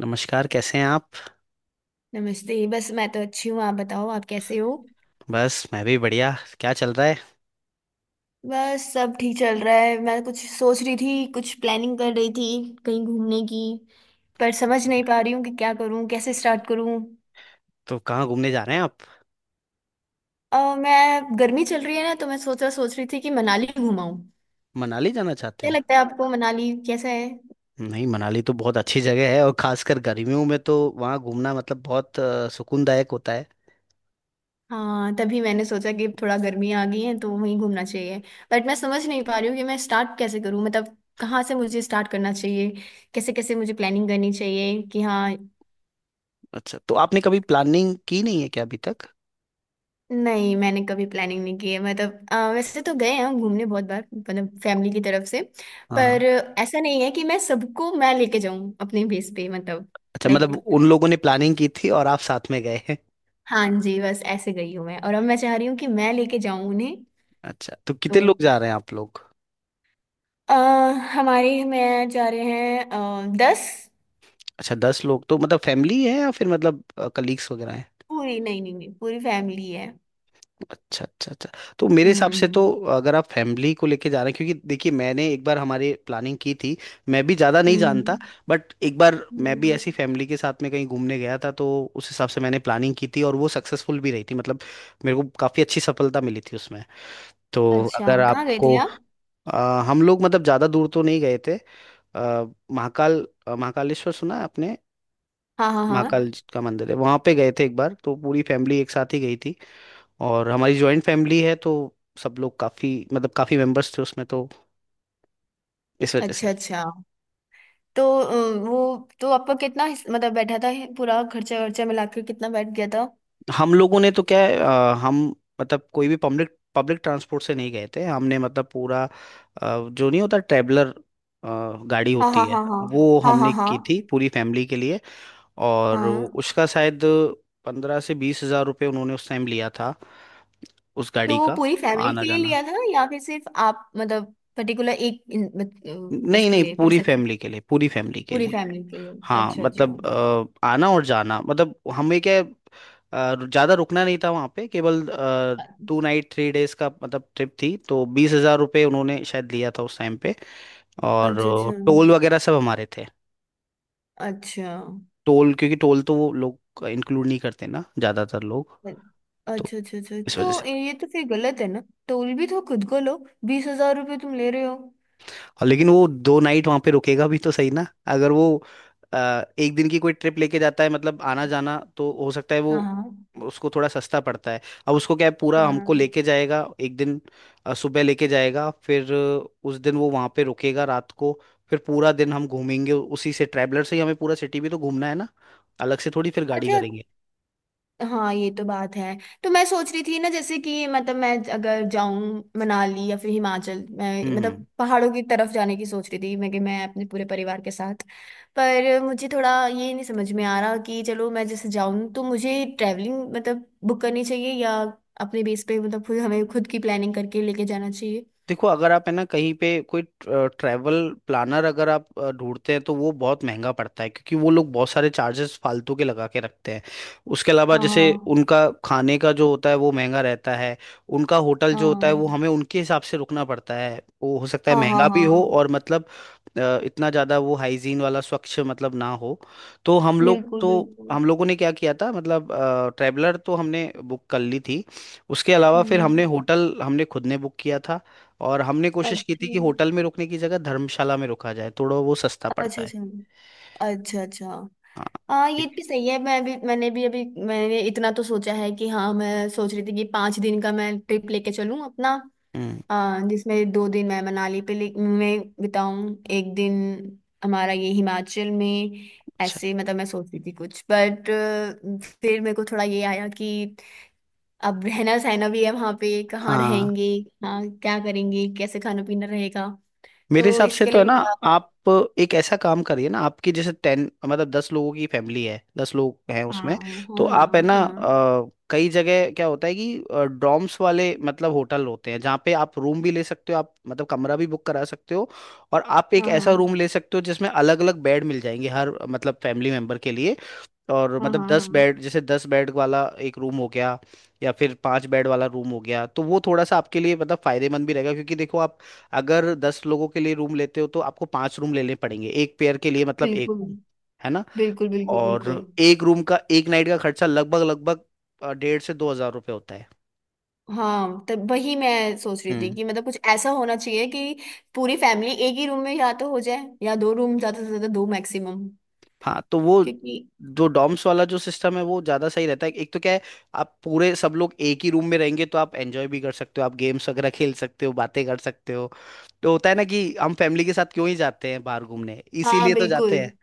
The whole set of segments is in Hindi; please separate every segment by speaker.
Speaker 1: नमस्कार, कैसे हैं आप।
Speaker 2: नमस्ते। बस मैं तो अच्छी हूँ, आप बताओ आप कैसे हो?
Speaker 1: बस मैं भी बढ़िया। क्या चल रहा है।
Speaker 2: बस सब ठीक चल रहा है। मैं कुछ सोच रही थी, कुछ प्लानिंग कर रही थी कहीं घूमने की। पर समझ नहीं पा रही हूँ कि क्या करूँ, कैसे स्टार्ट करूँ।
Speaker 1: तो कहाँ घूमने जा रहे हैं आप।
Speaker 2: मैं गर्मी चल रही है ना, तो मैं सोच रही थी कि मनाली घुमाऊँ।
Speaker 1: मनाली जाना चाहते
Speaker 2: क्या
Speaker 1: हैं।
Speaker 2: लगता है आपको, मनाली कैसा है?
Speaker 1: नहीं, मनाली तो बहुत अच्छी जगह है और खासकर गर्मियों में तो वहाँ घूमना मतलब बहुत सुकूनदायक होता है।
Speaker 2: हाँ, तभी मैंने सोचा कि थोड़ा गर्मी आ गई है तो वहीं घूमना चाहिए। बट मैं समझ नहीं पा रही हूँ कि मैं स्टार्ट कैसे करूँ, मतलब कहाँ से मुझे स्टार्ट करना चाहिए, कैसे कैसे मुझे प्लानिंग करनी चाहिए, कि हाँ।
Speaker 1: अच्छा, तो आपने कभी प्लानिंग की नहीं है क्या अभी तक।
Speaker 2: नहीं, मैंने कभी प्लानिंग नहीं की है। मतलब वैसे तो गए हैं घूमने बहुत बार, मतलब फैमिली की तरफ से।
Speaker 1: हाँ।
Speaker 2: पर ऐसा नहीं है कि मैं सबको मैं लेके जाऊं अपने बेस पे, मतलब।
Speaker 1: अच्छा, मतलब
Speaker 2: लाइक,
Speaker 1: उन लोगों ने प्लानिंग की थी और आप साथ में गए हैं।
Speaker 2: हाँ जी, बस ऐसे गई हूँ मैं, और अब मैं चाह रही हूँ कि मैं लेके जाऊं उन्हें।
Speaker 1: अच्छा, तो
Speaker 2: तो
Speaker 1: कितने लोग जा रहे हैं आप लोग।
Speaker 2: अ, हमारे में जा रहे हैं 10।
Speaker 1: अच्छा, दस लोग तो मतलब फैमिली है या फिर मतलब कलीग्स वगैरह हैं?
Speaker 2: पूरी, नहीं नहीं नहीं पूरी फैमिली है।
Speaker 1: अच्छा अच्छा अच्छा। तो मेरे हिसाब से
Speaker 2: हम्म
Speaker 1: तो अगर आप फैमिली को लेके जा रहे हैं क्योंकि देखिए, मैंने एक बार हमारे प्लानिंग की थी। मैं भी ज़्यादा नहीं
Speaker 2: हम्म।
Speaker 1: जानता। बट एक बार मैं भी
Speaker 2: हम्म।
Speaker 1: ऐसी फैमिली के साथ में कहीं घूमने गया था, तो उस हिसाब से मैंने प्लानिंग की थी और वो सक्सेसफुल भी रही थी, मतलब मेरे को काफ़ी अच्छी सफलता मिली थी उसमें। तो
Speaker 2: अच्छा,
Speaker 1: अगर
Speaker 2: कहाँ गए
Speaker 1: आपको
Speaker 2: थे आप?
Speaker 1: हम लोग मतलब ज़्यादा दूर तो नहीं गए थे। अ, महाकाल महाकालेश्वर सुना है आपने।
Speaker 2: हाँ हाँ हाँ।
Speaker 1: महाकाल जी का मंदिर है, वहां पे गए थे एक बार तो पूरी फैमिली एक साथ ही गई थी। और हमारी जॉइंट फैमिली है, तो सब लोग काफी, मतलब काफी मेंबर्स थे उसमें, तो इस वजह से।
Speaker 2: अच्छा अच्छा। तो वो तो आपका कितना मतलब बैठा था? पूरा खर्चा खर्चा मिला के कितना बैठ गया था?
Speaker 1: हम लोगों ने तो क्या है, हम मतलब कोई भी पब्लिक पब्लिक ट्रांसपोर्ट से नहीं गए थे हमने, मतलब पूरा जो नहीं होता ट्रैवलर, गाड़ी
Speaker 2: हाँ
Speaker 1: होती
Speaker 2: हाँ
Speaker 1: है,
Speaker 2: हाँ हाँ
Speaker 1: वो
Speaker 2: हाँ हाँ
Speaker 1: हमने की
Speaker 2: हाँ
Speaker 1: थी पूरी फैमिली के लिए। और
Speaker 2: हाँ।
Speaker 1: उसका शायद 15 से 20 हज़ार रुपये उन्होंने उस टाइम लिया था, उस
Speaker 2: तो
Speaker 1: गाड़ी
Speaker 2: वो
Speaker 1: का।
Speaker 2: पूरी फैमिली
Speaker 1: आना
Speaker 2: के लिए
Speaker 1: जाना,
Speaker 2: लिया था या फिर सिर्फ आप मतलब पर्टिकुलर एक
Speaker 1: नहीं
Speaker 2: उसके
Speaker 1: नहीं,
Speaker 2: लिए
Speaker 1: पूरी
Speaker 2: पर्सन?
Speaker 1: फैमिली के लिए, पूरी फैमिली के
Speaker 2: पूरी
Speaker 1: लिए।
Speaker 2: फैमिली के लिए।
Speaker 1: हाँ
Speaker 2: अच्छा अच्छा
Speaker 1: मतलब आना और जाना। मतलब हमें क्या है, ज्यादा रुकना नहीं था वहाँ पे, केवल 2 नाइट 3 डेज का मतलब ट्रिप थी। तो 20 हज़ार रुपये उन्होंने शायद लिया था उस टाइम पे। और
Speaker 2: अच्छा। अच्छा
Speaker 1: टोल वगैरह सब हमारे थे।
Speaker 2: अच्छा
Speaker 1: टोल, क्योंकि टोल तो वो लोग इंक्लूड नहीं करते ना ज्यादातर लोग, तो
Speaker 2: अच्छा अच्छा। अच्छा,
Speaker 1: इस
Speaker 2: तो
Speaker 1: वजह से।
Speaker 2: ये तो फिर गलत है ना। टोल भी तो खुद को लो, 20,000 रुपये तुम ले रहे हो।
Speaker 1: और लेकिन वो दो नाइट वहां पे रुकेगा भी तो सही ना। अगर वो अ, एक दिन की कोई ट्रिप लेके जाता है, मतलब आना जाना, तो हो सकता है वो,
Speaker 2: हाँ
Speaker 1: उसको थोड़ा सस्ता पड़ता है। अब उसको क्या है, पूरा हमको
Speaker 2: हाँ।
Speaker 1: लेके जाएगा एक दिन, सुबह लेके जाएगा, फिर उस दिन वो वहां पे रुकेगा रात को, फिर पूरा दिन हम घूमेंगे उसी से, ट्रैवलर से ही हमें पूरा सिटी भी तो घूमना है ना। अलग से थोड़ी फिर गाड़ी
Speaker 2: अच्छा,
Speaker 1: करेंगे।
Speaker 2: हाँ ये तो बात है। तो मैं सोच रही थी ना, जैसे कि मतलब मैं अगर जाऊं मनाली या फिर हिमाचल, मैं
Speaker 1: हम्म।
Speaker 2: मतलब पहाड़ों की तरफ जाने की सोच रही थी मैं, कि मैं अपने पूरे परिवार के साथ। पर मुझे थोड़ा ये नहीं समझ में आ रहा कि चलो मैं जैसे जाऊं तो मुझे ट्रैवलिंग मतलब बुक करनी चाहिए, या अपने बेस पे मतलब खुद हमें खुद की प्लानिंग करके लेके जाना चाहिए।
Speaker 1: देखो, अगर आप है ना कहीं पे कोई ट्रैवल प्लानर अगर आप ढूंढते हैं, तो वो बहुत महंगा पड़ता है क्योंकि वो लोग बहुत सारे चार्जेस फालतू के लगा के रखते हैं। उसके अलावा जैसे
Speaker 2: हाँ
Speaker 1: उनका खाने का जो होता है वो महंगा रहता है। उनका होटल जो होता
Speaker 2: हाँ
Speaker 1: है वो हमें उनके हिसाब से रुकना पड़ता है, वो हो सकता है
Speaker 2: हाँ हाँ
Speaker 1: महंगा भी हो
Speaker 2: हाँ।
Speaker 1: और मतलब इतना ज़्यादा वो हाइजीन वाला, स्वच्छ मतलब ना हो। तो हम लोग
Speaker 2: बिल्कुल
Speaker 1: तो,
Speaker 2: बिल्कुल।
Speaker 1: हम लोगों ने क्या किया था, मतलब ट्रैवलर तो हमने बुक कर ली थी, उसके अलावा फिर हमने
Speaker 2: हम्म।
Speaker 1: होटल हमने खुद ने बुक किया था। और हमने कोशिश की थी
Speaker 2: अच्छा
Speaker 1: कि होटल में रुकने की जगह धर्मशाला में रुका जाए, थोड़ा वो सस्ता पड़ता
Speaker 2: अच्छा
Speaker 1: है।
Speaker 2: अच्छा। अच्छा अच्छा।
Speaker 1: हाँ।
Speaker 2: हाँ, ये
Speaker 1: ठीक
Speaker 2: भी सही है। मैंने भी अभी, मैंने इतना तो सोचा है कि हाँ, मैं सोच रही थी कि 5 दिन का मैं ट्रिप लेके चलूँ अपना,
Speaker 1: है। हम्म।
Speaker 2: जिसमें 2 दिन मैं मनाली में बिताऊँ, एक दिन हमारा ये हिमाचल में।
Speaker 1: अच्छा।
Speaker 2: ऐसे मतलब मैं सोच रही थी कुछ, बट फिर मेरे को थोड़ा ये आया कि अब रहना सहना भी है, वहाँ पे कहाँ
Speaker 1: हाँ।
Speaker 2: रहेंगे। हाँ, क्या करेंगे, कैसे खाना पीना रहेगा।
Speaker 1: मेरे
Speaker 2: तो
Speaker 1: हिसाब से
Speaker 2: इसके
Speaker 1: तो है
Speaker 2: लिए
Speaker 1: ना,
Speaker 2: थोड़ा।
Speaker 1: आप एक ऐसा काम करिए ना, आपकी जैसे टेन मतलब 10 लोगों की फैमिली है, 10 लोग हैं
Speaker 2: हाँ
Speaker 1: उसमें, तो
Speaker 2: हाँ
Speaker 1: आप है
Speaker 2: हाँ
Speaker 1: ना
Speaker 2: हाँ
Speaker 1: कई जगह क्या होता है कि डॉर्म्स वाले मतलब होटल होते हैं जहाँ पे आप रूम भी ले सकते हो, आप मतलब कमरा भी बुक करा सकते हो। और आप एक
Speaker 2: हाँ
Speaker 1: ऐसा
Speaker 2: हाँ
Speaker 1: रूम ले सकते हो जिसमें अलग अलग बेड मिल जाएंगे हर मतलब फैमिली मेंबर के लिए। और
Speaker 2: हाँ
Speaker 1: मतलब
Speaker 2: हाँ हाँ।
Speaker 1: 10 बेड जैसे, 10 बेड वाला एक रूम हो गया, या फिर 5 बेड वाला रूम हो गया, तो वो थोड़ा सा आपके लिए मतलब फायदेमंद भी रहेगा क्योंकि देखो, आप अगर 10 लोगों के लिए रूम लेते हो तो आपको 5 रूम लेने पड़ेंगे, एक पेयर के लिए मतलब एक
Speaker 2: बिल्कुल
Speaker 1: रूम, है ना।
Speaker 2: बिल्कुल बिल्कुल बिल्कुल।
Speaker 1: और एक रूम का एक नाइट का खर्चा लगभग लगभग 1,500 से 2,000 रुपये होता है।
Speaker 2: हाँ, तब वही मैं सोच रही थी
Speaker 1: हम्म।
Speaker 2: कि मतलब कुछ ऐसा होना चाहिए कि पूरी फैमिली एक ही रूम में या तो हो जाए, या दो रूम ज्यादा से ज्यादा, दो मैक्सिमम।
Speaker 1: हाँ तो वो
Speaker 2: क्योंकि
Speaker 1: जो डॉम्स वाला जो सिस्टम है वो ज्यादा सही रहता है। एक तो क्या है, आप पूरे सब लोग एक ही रूम में रहेंगे तो आप एंजॉय भी कर सकते हो, आप गेम्स वगैरह खेल सकते हो, बातें कर सकते हो। तो होता है ना कि हम फैमिली के साथ क्यों ही जाते हैं बाहर घूमने,
Speaker 2: हाँ,
Speaker 1: इसीलिए तो जाते
Speaker 2: बिल्कुल
Speaker 1: हैं,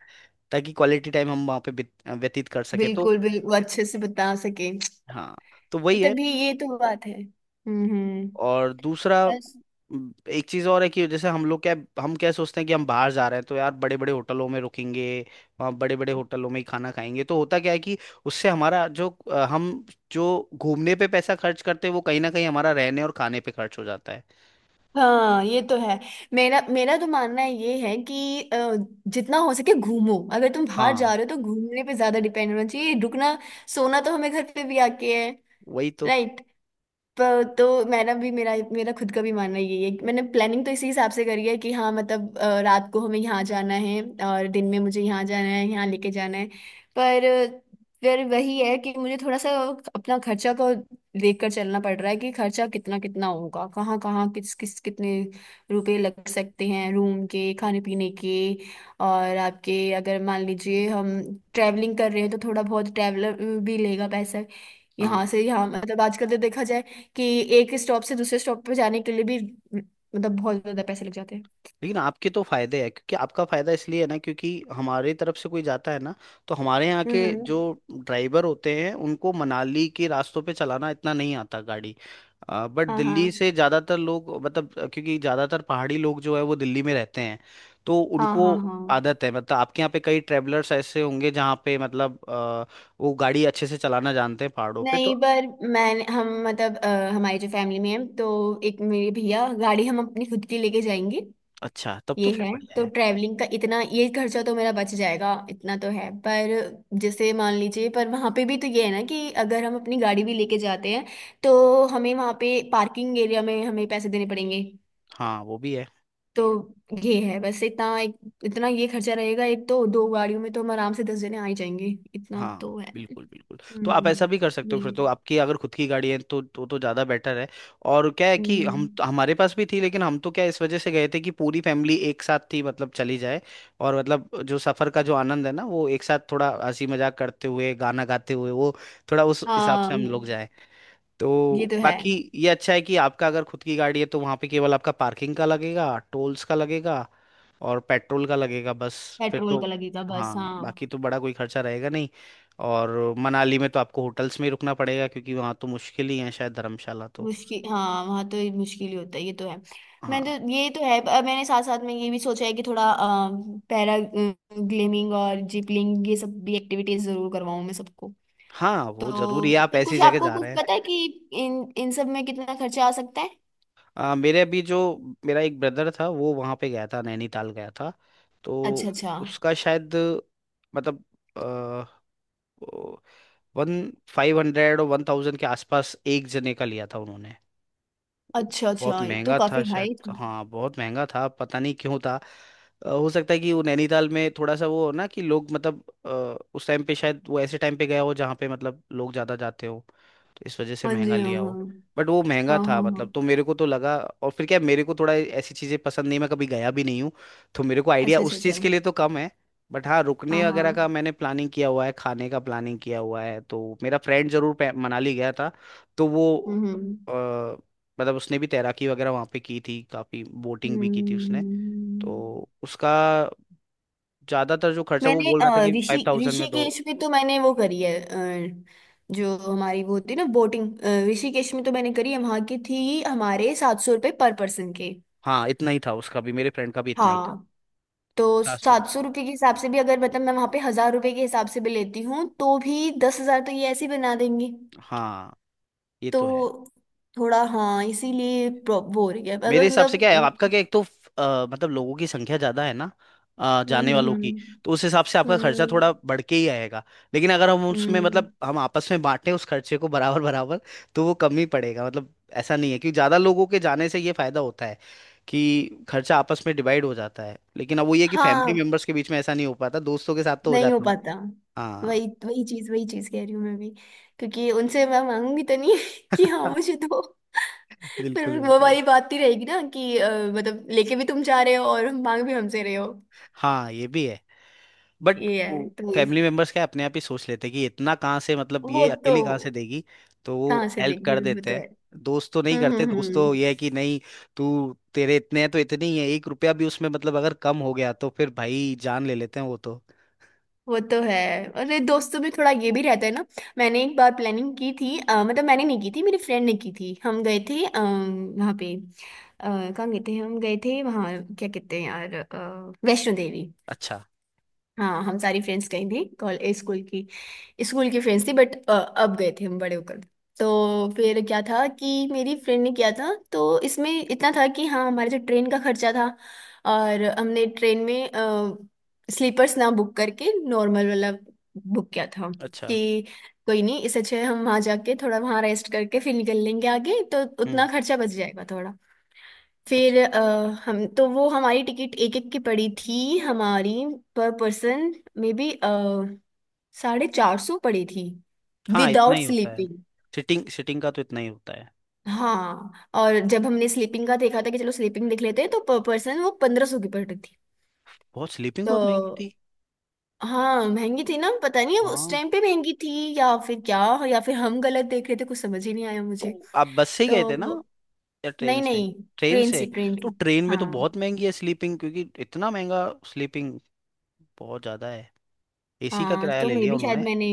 Speaker 1: ताकि क्वालिटी टाइम हम वहाँ पे व्यतीत कर सके। तो
Speaker 2: बिल्कुल बिल्कुल। अच्छे से बता सके।
Speaker 1: हाँ, तो वही है।
Speaker 2: तभी, ये तो बात है। हम्म।
Speaker 1: और दूसरा
Speaker 2: बस।
Speaker 1: एक चीज और है कि जैसे हम लोग क्या, हम क्या सोचते हैं कि हम बाहर जा रहे हैं तो यार बड़े बड़े होटलों में रुकेंगे, वहाँ बड़े बड़े होटलों में ही खाना खाएंगे, तो होता क्या है कि उससे हमारा जो हम जो घूमने पे पैसा खर्च करते हैं वो कहीं ना कहीं हमारा रहने और खाने पे खर्च हो जाता है।
Speaker 2: हाँ ये तो है। मेरा मेरा तो मानना ये है कि जितना हो सके घूमो, अगर तुम बाहर
Speaker 1: हाँ,
Speaker 2: जा रहे हो तो घूमने पे ज्यादा डिपेंड होना चाहिए। रुकना सोना तो हमें घर पे भी आके है।
Speaker 1: वही तो।
Speaker 2: राइट। पर तो मेरा भी, मेरा मेरा खुद का भी मानना यही है। मैंने प्लानिंग तो इसी हिसाब से करी है कि हाँ मतलब रात को हमें यहाँ जाना है, और दिन में मुझे यहाँ जाना है, यहाँ लेके जाना है। पर फिर वही है कि मुझे थोड़ा सा अपना खर्चा को देखकर चलना पड़ रहा है, कि खर्चा कितना कितना होगा, कहाँ कहाँ, किस किस, कितने रुपए लग सकते हैं, रूम के, खाने पीने के। और आपके, अगर मान लीजिए हम ट्रैवलिंग कर रहे हैं तो थोड़ा बहुत ट्रैवलर भी लेगा पैसा। यहाँ
Speaker 1: हाँ
Speaker 2: से यहाँ मतलब आजकल तो देखा जाए कि एक स्टॉप से दूसरे स्टॉप पे जाने के लिए भी मतलब बहुत ज्यादा पैसे लग जाते हैं।
Speaker 1: लेकिन आपके तो फायदे है क्योंकि आपका फायदा इसलिए है ना क्योंकि हमारी तरफ से कोई जाता है ना, तो हमारे यहाँ के
Speaker 2: हम्म।
Speaker 1: जो ड्राइवर होते हैं उनको मनाली के रास्तों पे चलाना इतना नहीं आता गाड़ी। बट
Speaker 2: हाँ
Speaker 1: दिल्ली
Speaker 2: हाँ
Speaker 1: से ज्यादातर लोग मतलब क्योंकि ज्यादातर पहाड़ी लोग जो है वो दिल्ली में रहते हैं, तो
Speaker 2: हाँ
Speaker 1: उनको
Speaker 2: हाँ हाँ।
Speaker 1: आदत है, मतलब आपके यहाँ पे कई ट्रेवलर्स ऐसे होंगे जहाँ पे मतलब वो गाड़ी अच्छे से चलाना जानते हैं पहाड़ों पे, तो।
Speaker 2: नहीं पर मैं, हम मतलब हमारी जो फैमिली में है तो, एक मेरे भैया, गाड़ी हम अपनी खुद की लेके जाएंगे।
Speaker 1: अच्छा, तब तो
Speaker 2: ये
Speaker 1: फिर
Speaker 2: है।
Speaker 1: बढ़िया
Speaker 2: तो
Speaker 1: है।
Speaker 2: ट्रैवलिंग का इतना ये खर्चा तो मेरा बच जाएगा, इतना तो है। पर जैसे मान लीजिए, पर वहाँ पे भी तो ये है ना कि अगर हम अपनी गाड़ी भी लेके जाते हैं तो हमें वहाँ पे पार्किंग एरिया में हमें पैसे देने पड़ेंगे।
Speaker 1: हाँ, वो भी है।
Speaker 2: तो ये है, बस इतना एक इतना ये खर्चा रहेगा, एक तो दो गाड़ियों में तो हम आराम से 10 जने आ ही जाएंगे, इतना
Speaker 1: हाँ
Speaker 2: तो है।
Speaker 1: बिल्कुल बिल्कुल। तो आप ऐसा
Speaker 2: हम्म।
Speaker 1: भी कर सकते हो,
Speaker 2: ये
Speaker 1: फिर तो आपकी अगर खुद की गाड़ी है तो तो ज़्यादा बेटर है। और क्या है कि
Speaker 2: हम्म।
Speaker 1: हमारे पास भी थी, लेकिन हम तो क्या इस वजह से गए थे कि पूरी फैमिली एक साथ थी मतलब, चली जाए, और मतलब जो सफ़र का जो आनंद है ना, वो एक साथ थोड़ा हंसी मजाक करते हुए, गाना गाते हुए, वो थोड़ा उस हिसाब
Speaker 2: हाँ
Speaker 1: से हम लोग जाए।
Speaker 2: ये
Speaker 1: तो
Speaker 2: तो है।
Speaker 1: बाकी ये अच्छा है कि आपका अगर खुद की गाड़ी है तो वहाँ पे केवल आपका पार्किंग का लगेगा, टोल्स का लगेगा, और पेट्रोल का लगेगा बस। फिर
Speaker 2: पेट्रोल का
Speaker 1: तो
Speaker 2: लगेगा बस,
Speaker 1: हाँ,
Speaker 2: हाँ।
Speaker 1: बाकी तो बड़ा कोई खर्चा रहेगा नहीं। और मनाली में तो आपको होटल्स में ही रुकना पड़ेगा, क्योंकि वहाँ तो मुश्किल ही है शायद धर्मशाला तो।
Speaker 2: मुश्किल, हाँ वहाँ तो ये मुश्किल ही होता है, ये तो है। मैं
Speaker 1: हाँ।
Speaker 2: तो ये तो है, पर मैंने साथ साथ में ये भी सोचा है कि थोड़ा पैरा ग्लेमिंग और जिपलिंग ये सब भी एक्टिविटीज जरूर करवाऊँ मैं सबको।
Speaker 1: हाँ, वो जरूरी है, आप
Speaker 2: तो
Speaker 1: ऐसी
Speaker 2: कुछ,
Speaker 1: जगह
Speaker 2: आपको
Speaker 1: जा
Speaker 2: कुछ
Speaker 1: रहे हैं।
Speaker 2: पता है कि इन इन सब में कितना खर्चा आ सकता है?
Speaker 1: मेरे अभी जो, मेरा एक ब्रदर था, वो वहाँ पे गया था, नैनीताल गया था, तो
Speaker 2: अच्छा अच्छा
Speaker 1: उसका शायद मतलब 1500 और 1000 के आसपास एक जने का लिया था उन्होंने।
Speaker 2: अच्छा।
Speaker 1: बहुत
Speaker 2: अच्छा, ये तो
Speaker 1: महंगा था
Speaker 2: काफी
Speaker 1: शायद।
Speaker 2: हाई था।
Speaker 1: हाँ, बहुत महंगा था, पता नहीं क्यों था। हो सकता है कि वो नैनीताल में थोड़ा सा वो हो ना कि लोग मतलब उस टाइम पे शायद वो ऐसे टाइम पे गया हो जहाँ पे मतलब लोग ज़्यादा जाते हो, तो इस वजह से
Speaker 2: हाँ
Speaker 1: महंगा
Speaker 2: जी हाँ
Speaker 1: लिया
Speaker 2: हाँ
Speaker 1: हो। बट वो महंगा
Speaker 2: हाँ हाँ
Speaker 1: था मतलब,
Speaker 2: हाँ।
Speaker 1: तो मेरे को तो लगा। और फिर क्या, मेरे को थोड़ा ऐसी चीज़ें पसंद नहीं, मैं कभी गया भी नहीं हूँ, तो मेरे को आइडिया
Speaker 2: अच्छा अच्छा
Speaker 1: उस
Speaker 2: अच्छा।
Speaker 1: चीज़ के लिए तो कम है। बट हाँ,
Speaker 2: हाँ
Speaker 1: रुकने
Speaker 2: हाँ।
Speaker 1: वगैरह का मैंने प्लानिंग किया हुआ है, खाने का प्लानिंग किया हुआ है। तो मेरा फ्रेंड जरूर मनाली गया था, तो वो
Speaker 2: हम्म।
Speaker 1: मतलब उसने भी तैराकी वगैरह वहाँ पे की थी, काफी बोटिंग भी की थी उसने।
Speaker 2: हम्म।
Speaker 1: तो उसका ज्यादातर जो खर्चा वो
Speaker 2: मैंने
Speaker 1: बोल रहा था कि 5000 में दो।
Speaker 2: ऋषिकेश में तो मैंने वो करी है, जो हमारी वो होती है ना, बोटिंग। ऋषिकेश में तो मैंने करी है, वहाँ की थी, हमारे 700 रुपये पर पर्सन के।
Speaker 1: हाँ इतना ही था, उसका भी, मेरे फ्रेंड का भी इतना ही था।
Speaker 2: हाँ। तो
Speaker 1: 50।
Speaker 2: 700 रुपये के हिसाब से भी अगर मतलब मैं वहाँ पे 1,000 रुपये के हिसाब से भी लेती हूँ, तो भी 10,000 तो ये ऐसे ही बना देंगे।
Speaker 1: हाँ, ये तो है।
Speaker 2: तो थोड़ा हाँ, इसीलिए वो हो गया,
Speaker 1: मेरे
Speaker 2: अगर
Speaker 1: हिसाब से
Speaker 2: मतलब
Speaker 1: क्या है, आपका
Speaker 2: हम्म।
Speaker 1: क्या एक तो मतलब लोगों की संख्या ज्यादा है ना,
Speaker 2: हम्म
Speaker 1: जाने वालों
Speaker 2: हम्म
Speaker 1: की, तो उस हिसाब से आपका खर्चा
Speaker 2: हम्म,
Speaker 1: थोड़ा बढ़ के ही आएगा। लेकिन अगर हम
Speaker 2: हम्म,
Speaker 1: उसमें
Speaker 2: हम्म,
Speaker 1: मतलब हम आपस में बांटें उस खर्चे को बराबर बराबर, तो वो कम ही पड़ेगा मतलब। ऐसा नहीं है, क्योंकि ज्यादा लोगों के जाने से ये फायदा होता है कि खर्चा आपस में डिवाइड हो जाता है। लेकिन अब वो ये है कि फैमिली
Speaker 2: हाँ
Speaker 1: मेंबर्स के बीच में ऐसा नहीं हो पाता, दोस्तों के साथ तो हो
Speaker 2: नहीं हो
Speaker 1: जाता है।
Speaker 2: पाता।
Speaker 1: हाँ।
Speaker 2: वही वही चीज कह रही हूँ मैं भी, क्योंकि उनसे मैं मांगूंगी तो नहीं कि हाँ मुझे दो।
Speaker 1: बिल्कुल
Speaker 2: फिर वो
Speaker 1: बिल्कुल।
Speaker 2: वाली बात ही रहेगी ना कि मतलब लेके भी तुम जा रहे हो और मांग भी हमसे रहे हो।
Speaker 1: हाँ, ये भी है। बट
Speaker 2: ये है तो इस।
Speaker 1: फैमिली मेंबर्स क्या अपने आप ही सोच लेते हैं कि इतना कहाँ से, मतलब
Speaker 2: वो
Speaker 1: ये
Speaker 2: तो
Speaker 1: अकेली कहाँ से देगी, तो वो
Speaker 2: कहाँ से
Speaker 1: हेल्प
Speaker 2: देगी,
Speaker 1: कर
Speaker 2: वो
Speaker 1: देते
Speaker 2: तो
Speaker 1: हैं।
Speaker 2: है।
Speaker 1: दोस्त तो नहीं करते, दोस्त तो
Speaker 2: हम्म।
Speaker 1: ये है कि, नहीं तू, तेरे इतने हैं तो इतने ही है, एक रुपया भी उसमें मतलब अगर कम हो गया तो फिर भाई जान ले लेते हैं वो तो।
Speaker 2: वो तो है। अरे, दोस्तों में थोड़ा ये भी रहता है ना। मैंने एक बार प्लानिंग की थी, मतलब मैंने नहीं की थी, मेरी फ्रेंड ने की थी। हम गए थे वहाँ पे कहाँ गए थे, हम गए थे वहाँ, क्या कहते हैं यार, वैष्णो देवी।
Speaker 1: अच्छा
Speaker 2: हाँ, हम सारी फ्रेंड्स गई थी कॉलेज स्कूल की, स्कूल की फ्रेंड्स थी, बट अब गए थे हम बड़े होकर। तो फिर क्या था कि मेरी फ्रेंड ने किया था, तो इसमें इतना था कि हाँ, हमारे जो ट्रेन का खर्चा था, और हमने ट्रेन में स्लीपर्स ना बुक करके नॉर्मल वाला बुक किया था।
Speaker 1: अच्छा।
Speaker 2: कि कोई नहीं, इससे अच्छा है हम वहाँ जाके थोड़ा वहाँ रेस्ट करके फिर निकल लेंगे आगे, तो उतना
Speaker 1: हम्म।
Speaker 2: खर्चा बच जाएगा थोड़ा। फिर
Speaker 1: अच्छा।
Speaker 2: हम तो वो हमारी टिकट एक एक की पड़ी थी, हमारी पर पर्सन मे बी 450 पड़ी थी
Speaker 1: हाँ, इतना
Speaker 2: विदाउट
Speaker 1: ही होता है,
Speaker 2: स्लीपिंग।
Speaker 1: सिटिंग, सिटिंग का तो इतना ही होता है।
Speaker 2: हाँ, और जब हमने स्लीपिंग का देखा था कि चलो स्लीपिंग देख लेते हैं, तो पर पर्सन वो 1,500 की पड़ रही थी।
Speaker 1: बहुत, स्लीपिंग बहुत महंगी
Speaker 2: तो
Speaker 1: थी।
Speaker 2: हाँ, महंगी थी ना, पता नहीं अब उस
Speaker 1: हाँ,
Speaker 2: टाइम पे महंगी थी या फिर क्या, या फिर हम गलत देख रहे थे, कुछ समझ ही नहीं आया मुझे।
Speaker 1: तो आप बस से ही गए थे ना,
Speaker 2: तो
Speaker 1: या ट्रेन
Speaker 2: नहीं
Speaker 1: से।
Speaker 2: नहीं
Speaker 1: ट्रेन
Speaker 2: ट्रेन से
Speaker 1: से।
Speaker 2: ट्रेन
Speaker 1: तो
Speaker 2: से
Speaker 1: ट्रेन में तो
Speaker 2: हाँ
Speaker 1: बहुत महंगी है स्लीपिंग, क्योंकि इतना महंगा स्लीपिंग बहुत ज्यादा है। एसी का
Speaker 2: हाँ।
Speaker 1: किराया
Speaker 2: तो
Speaker 1: ले
Speaker 2: मे
Speaker 1: लिया
Speaker 2: भी शायद
Speaker 1: उन्होंने।
Speaker 2: मैंने,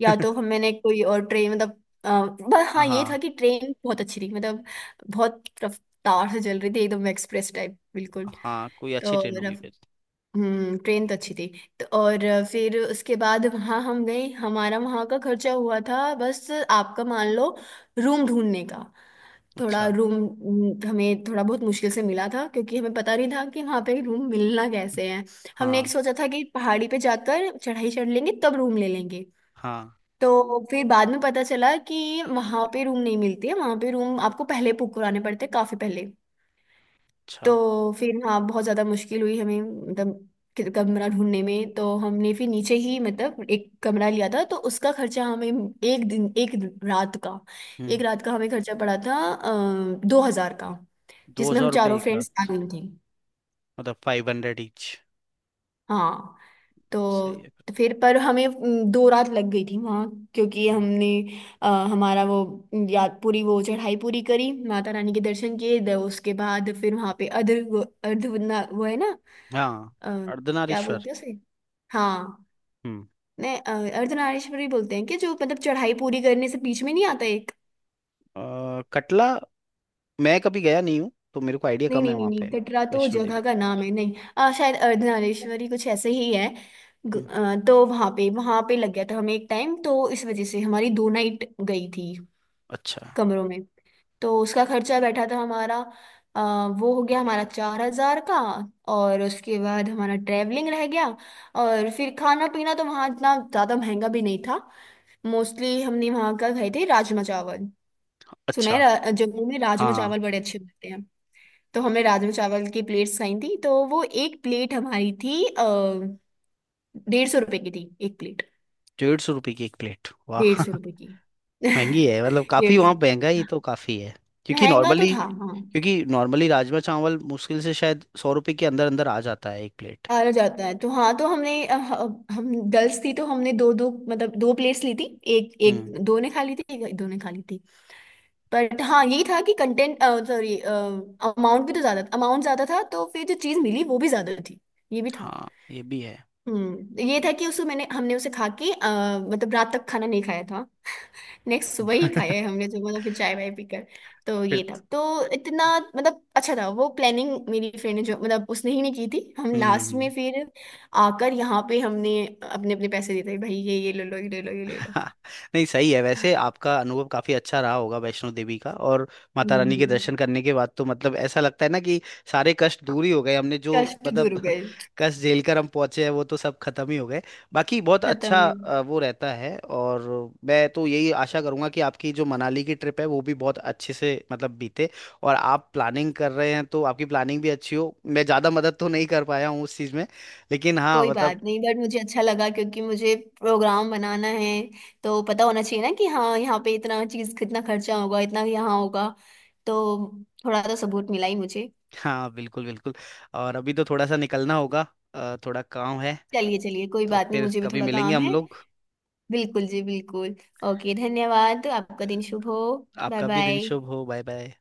Speaker 2: या तो मैंने कोई और ट्रेन मतलब पर हाँ ये था
Speaker 1: हाँ,
Speaker 2: कि ट्रेन बहुत अच्छी थी, मतलब बहुत रफ्तार से चल रही थी, एकदम एक्सप्रेस टाइप बिल्कुल।
Speaker 1: हाँ कोई अच्छी
Speaker 2: तो
Speaker 1: ट्रेन होगी
Speaker 2: रफ
Speaker 1: फिर।
Speaker 2: हम्म, ट्रेन तो अच्छी थी। तो और फिर उसके बाद वहाँ हम गए, हमारा वहाँ का खर्चा हुआ था बस आपका मान लो रूम ढूंढने का। थोड़ा
Speaker 1: अच्छा।
Speaker 2: रूम, हमें थोड़ा बहुत मुश्किल से मिला था क्योंकि हमें पता नहीं था कि वहाँ पे रूम मिलना कैसे है। हमने एक
Speaker 1: हाँ
Speaker 2: सोचा था कि पहाड़ी पे जाकर चढ़ाई चढ़ लेंगे तब रूम ले लेंगे।
Speaker 1: हाँ।
Speaker 2: तो फिर बाद में पता चला कि वहां पे रूम नहीं मिलती है, वहां पे रूम आपको पहले बुक कराने पड़ते हैं, काफी पहले।
Speaker 1: अच्छा।
Speaker 2: तो फिर हाँ, बहुत ज्यादा मुश्किल हुई हमें मतलब कमरा ढूंढने में। तो हमने फिर नीचे ही मतलब एक कमरा लिया था, तो उसका खर्चा हमें रात का,
Speaker 1: हम्म।
Speaker 2: एक रात का हमें खर्चा पड़ा था 2,000 का,
Speaker 1: दो
Speaker 2: जिसमें हम
Speaker 1: हजार रुपये
Speaker 2: चारों
Speaker 1: एक
Speaker 2: फ्रेंड्स आ
Speaker 1: रात।
Speaker 2: गई थी।
Speaker 1: मतलब 500 ईच।
Speaker 2: हाँ।
Speaker 1: सही
Speaker 2: तो
Speaker 1: है फिर
Speaker 2: फिर पर हमें 2 रात लग गई थी वहाँ, क्योंकि
Speaker 1: तो। हाँ।
Speaker 2: हमने अ, हमारा वो याद, पूरी वो चढ़ाई पूरी करी, माता रानी के दर्शन किए, उसके बाद फिर वहाँ पे अर्ध अर्ध वो है ना,
Speaker 1: हाँ।
Speaker 2: अ, क्या
Speaker 1: अर्धनारीश्वर।
Speaker 2: बोलते हैं उसे, हाँ।
Speaker 1: हम्म।
Speaker 2: नहीं अर्धनारीश्वरी बोलते हैं, कि जो मतलब चढ़ाई पूरी करने से बीच में नहीं आता एक।
Speaker 1: कटला। मैं कभी गया नहीं हूँ, तो मेरे को आइडिया
Speaker 2: नहीं
Speaker 1: कम
Speaker 2: नहीं
Speaker 1: है
Speaker 2: नहीं
Speaker 1: वहाँ
Speaker 2: नहीं
Speaker 1: पे।
Speaker 2: कटरा तो
Speaker 1: वैष्णो
Speaker 2: जगह
Speaker 1: देवी।
Speaker 2: का नाम है नहीं। शायद अर्धनारीश्वरी कुछ ऐसे ही है।
Speaker 1: हम्म।
Speaker 2: तो वहां पे लग गया था हमें एक टाइम, तो इस वजह से हमारी 2 नाइट गई थी
Speaker 1: अच्छा
Speaker 2: कमरों में। तो उसका खर्चा बैठा था हमारा, वो हो गया हमारा 4,000 का। और उसके बाद हमारा ट्रैवलिंग रह गया, और फिर खाना पीना तो वहाँ इतना ज़्यादा महंगा भी नहीं था। मोस्टली हमने वहाँ का खाए थे राजमा चावल, सुना है
Speaker 1: अच्छा।
Speaker 2: जम्मू में
Speaker 1: हाँ।
Speaker 2: राजमा चावल बड़े अच्छे मिलते हैं। तो हमने राजमा चावल की प्लेट्स खाई थी। तो वो एक प्लेट हमारी थी, 150 रुपये की थी एक प्लेट।
Speaker 1: 150 रुपये की एक प्लेट, वाह।
Speaker 2: डेढ़ सौ रुपये की
Speaker 1: महंगी है मतलब, काफी
Speaker 2: 150।
Speaker 1: वहाँ महंगाई तो काफी है, क्योंकि
Speaker 2: महंगा तो
Speaker 1: नॉर्मली
Speaker 2: था हाँ।
Speaker 1: क्योंकि नॉर्मली राजमा चावल मुश्किल से शायद 100 रुपए के अंदर अंदर आ जाता है एक प्लेट।
Speaker 2: हारा जाता है तो हाँ। तो हमने हम गर्ल्स थी, तो हमने दो दो मतलब दो प्लेट्स ली थी, एक एक,
Speaker 1: हम्म।
Speaker 2: दो ने खा ली थी एक, दो ने खा ली थी। बट हाँ यही था कि कंटेंट, सॉरी अमाउंट, भी तो ज्यादा, अमाउंट ज्यादा था, तो फिर जो चीज मिली वो भी ज्यादा थी, ये भी था।
Speaker 1: हाँ, ये भी है।
Speaker 2: हम्म, ये था कि उसको मैंने हमने उसे खा के मतलब रात तक खाना नहीं खाया था, नेक्स्ट सुबह ही खाया है हमने, जो मतलब फिर चाय वाय पीकर। तो ये
Speaker 1: फिर।
Speaker 2: था। तो इतना, मतलब अच्छा था वो प्लानिंग मेरी फ्रेंड ने जो मतलब उसने ही नहीं की थी। हम लास्ट
Speaker 1: हम्म।
Speaker 2: में फिर आकर यहाँ पे हमने अपने अपने पैसे देते, भाई ये ले लो, ये ले लो, ये ले लो।
Speaker 1: हाँ, नहीं सही है, वैसे आपका अनुभव काफी अच्छा रहा होगा, वैष्णो देवी का। और माता रानी के
Speaker 2: हम्म।
Speaker 1: दर्शन करने के बाद तो मतलब ऐसा लगता है ना कि सारे कष्ट दूर ही हो गए, हमने जो
Speaker 2: कष्ट दूर हो
Speaker 1: मतलब
Speaker 2: गए।
Speaker 1: कष्ट झेल कर हम पहुंचे हैं, वो तो सब खत्म ही हो गए। बाकी बहुत
Speaker 2: खत्म
Speaker 1: अच्छा
Speaker 2: ही।
Speaker 1: वो रहता है। और मैं तो यही आशा करूंगा कि आपकी जो मनाली की ट्रिप है वो भी बहुत अच्छे से मतलब बीते। और आप प्लानिंग कर रहे हैं, तो आपकी प्लानिंग भी अच्छी हो। मैं ज्यादा मदद तो नहीं कर पाया हूँ उस चीज में, लेकिन हाँ
Speaker 2: कोई
Speaker 1: मतलब।
Speaker 2: बात नहीं, बट मुझे अच्छा लगा, क्योंकि मुझे प्रोग्राम बनाना है, तो पता होना चाहिए ना कि हाँ, यहाँ पे इतना चीज, कितना खर्चा होगा, इतना यहाँ होगा। तो थोड़ा तो सबूत मिला ही मुझे।
Speaker 1: हाँ बिल्कुल बिल्कुल। और अभी तो थोड़ा सा निकलना होगा, थोड़ा काम है।
Speaker 2: चलिए चलिए, कोई
Speaker 1: तो
Speaker 2: बात नहीं,
Speaker 1: फिर
Speaker 2: मुझे भी
Speaker 1: कभी
Speaker 2: थोड़ा
Speaker 1: मिलेंगे
Speaker 2: काम
Speaker 1: हम
Speaker 2: है।
Speaker 1: लोग।
Speaker 2: बिल्कुल जी, बिल्कुल। ओके, धन्यवाद। आपका दिन शुभ हो। बाय
Speaker 1: आपका भी दिन
Speaker 2: बाय।
Speaker 1: शुभ हो। Bye bye.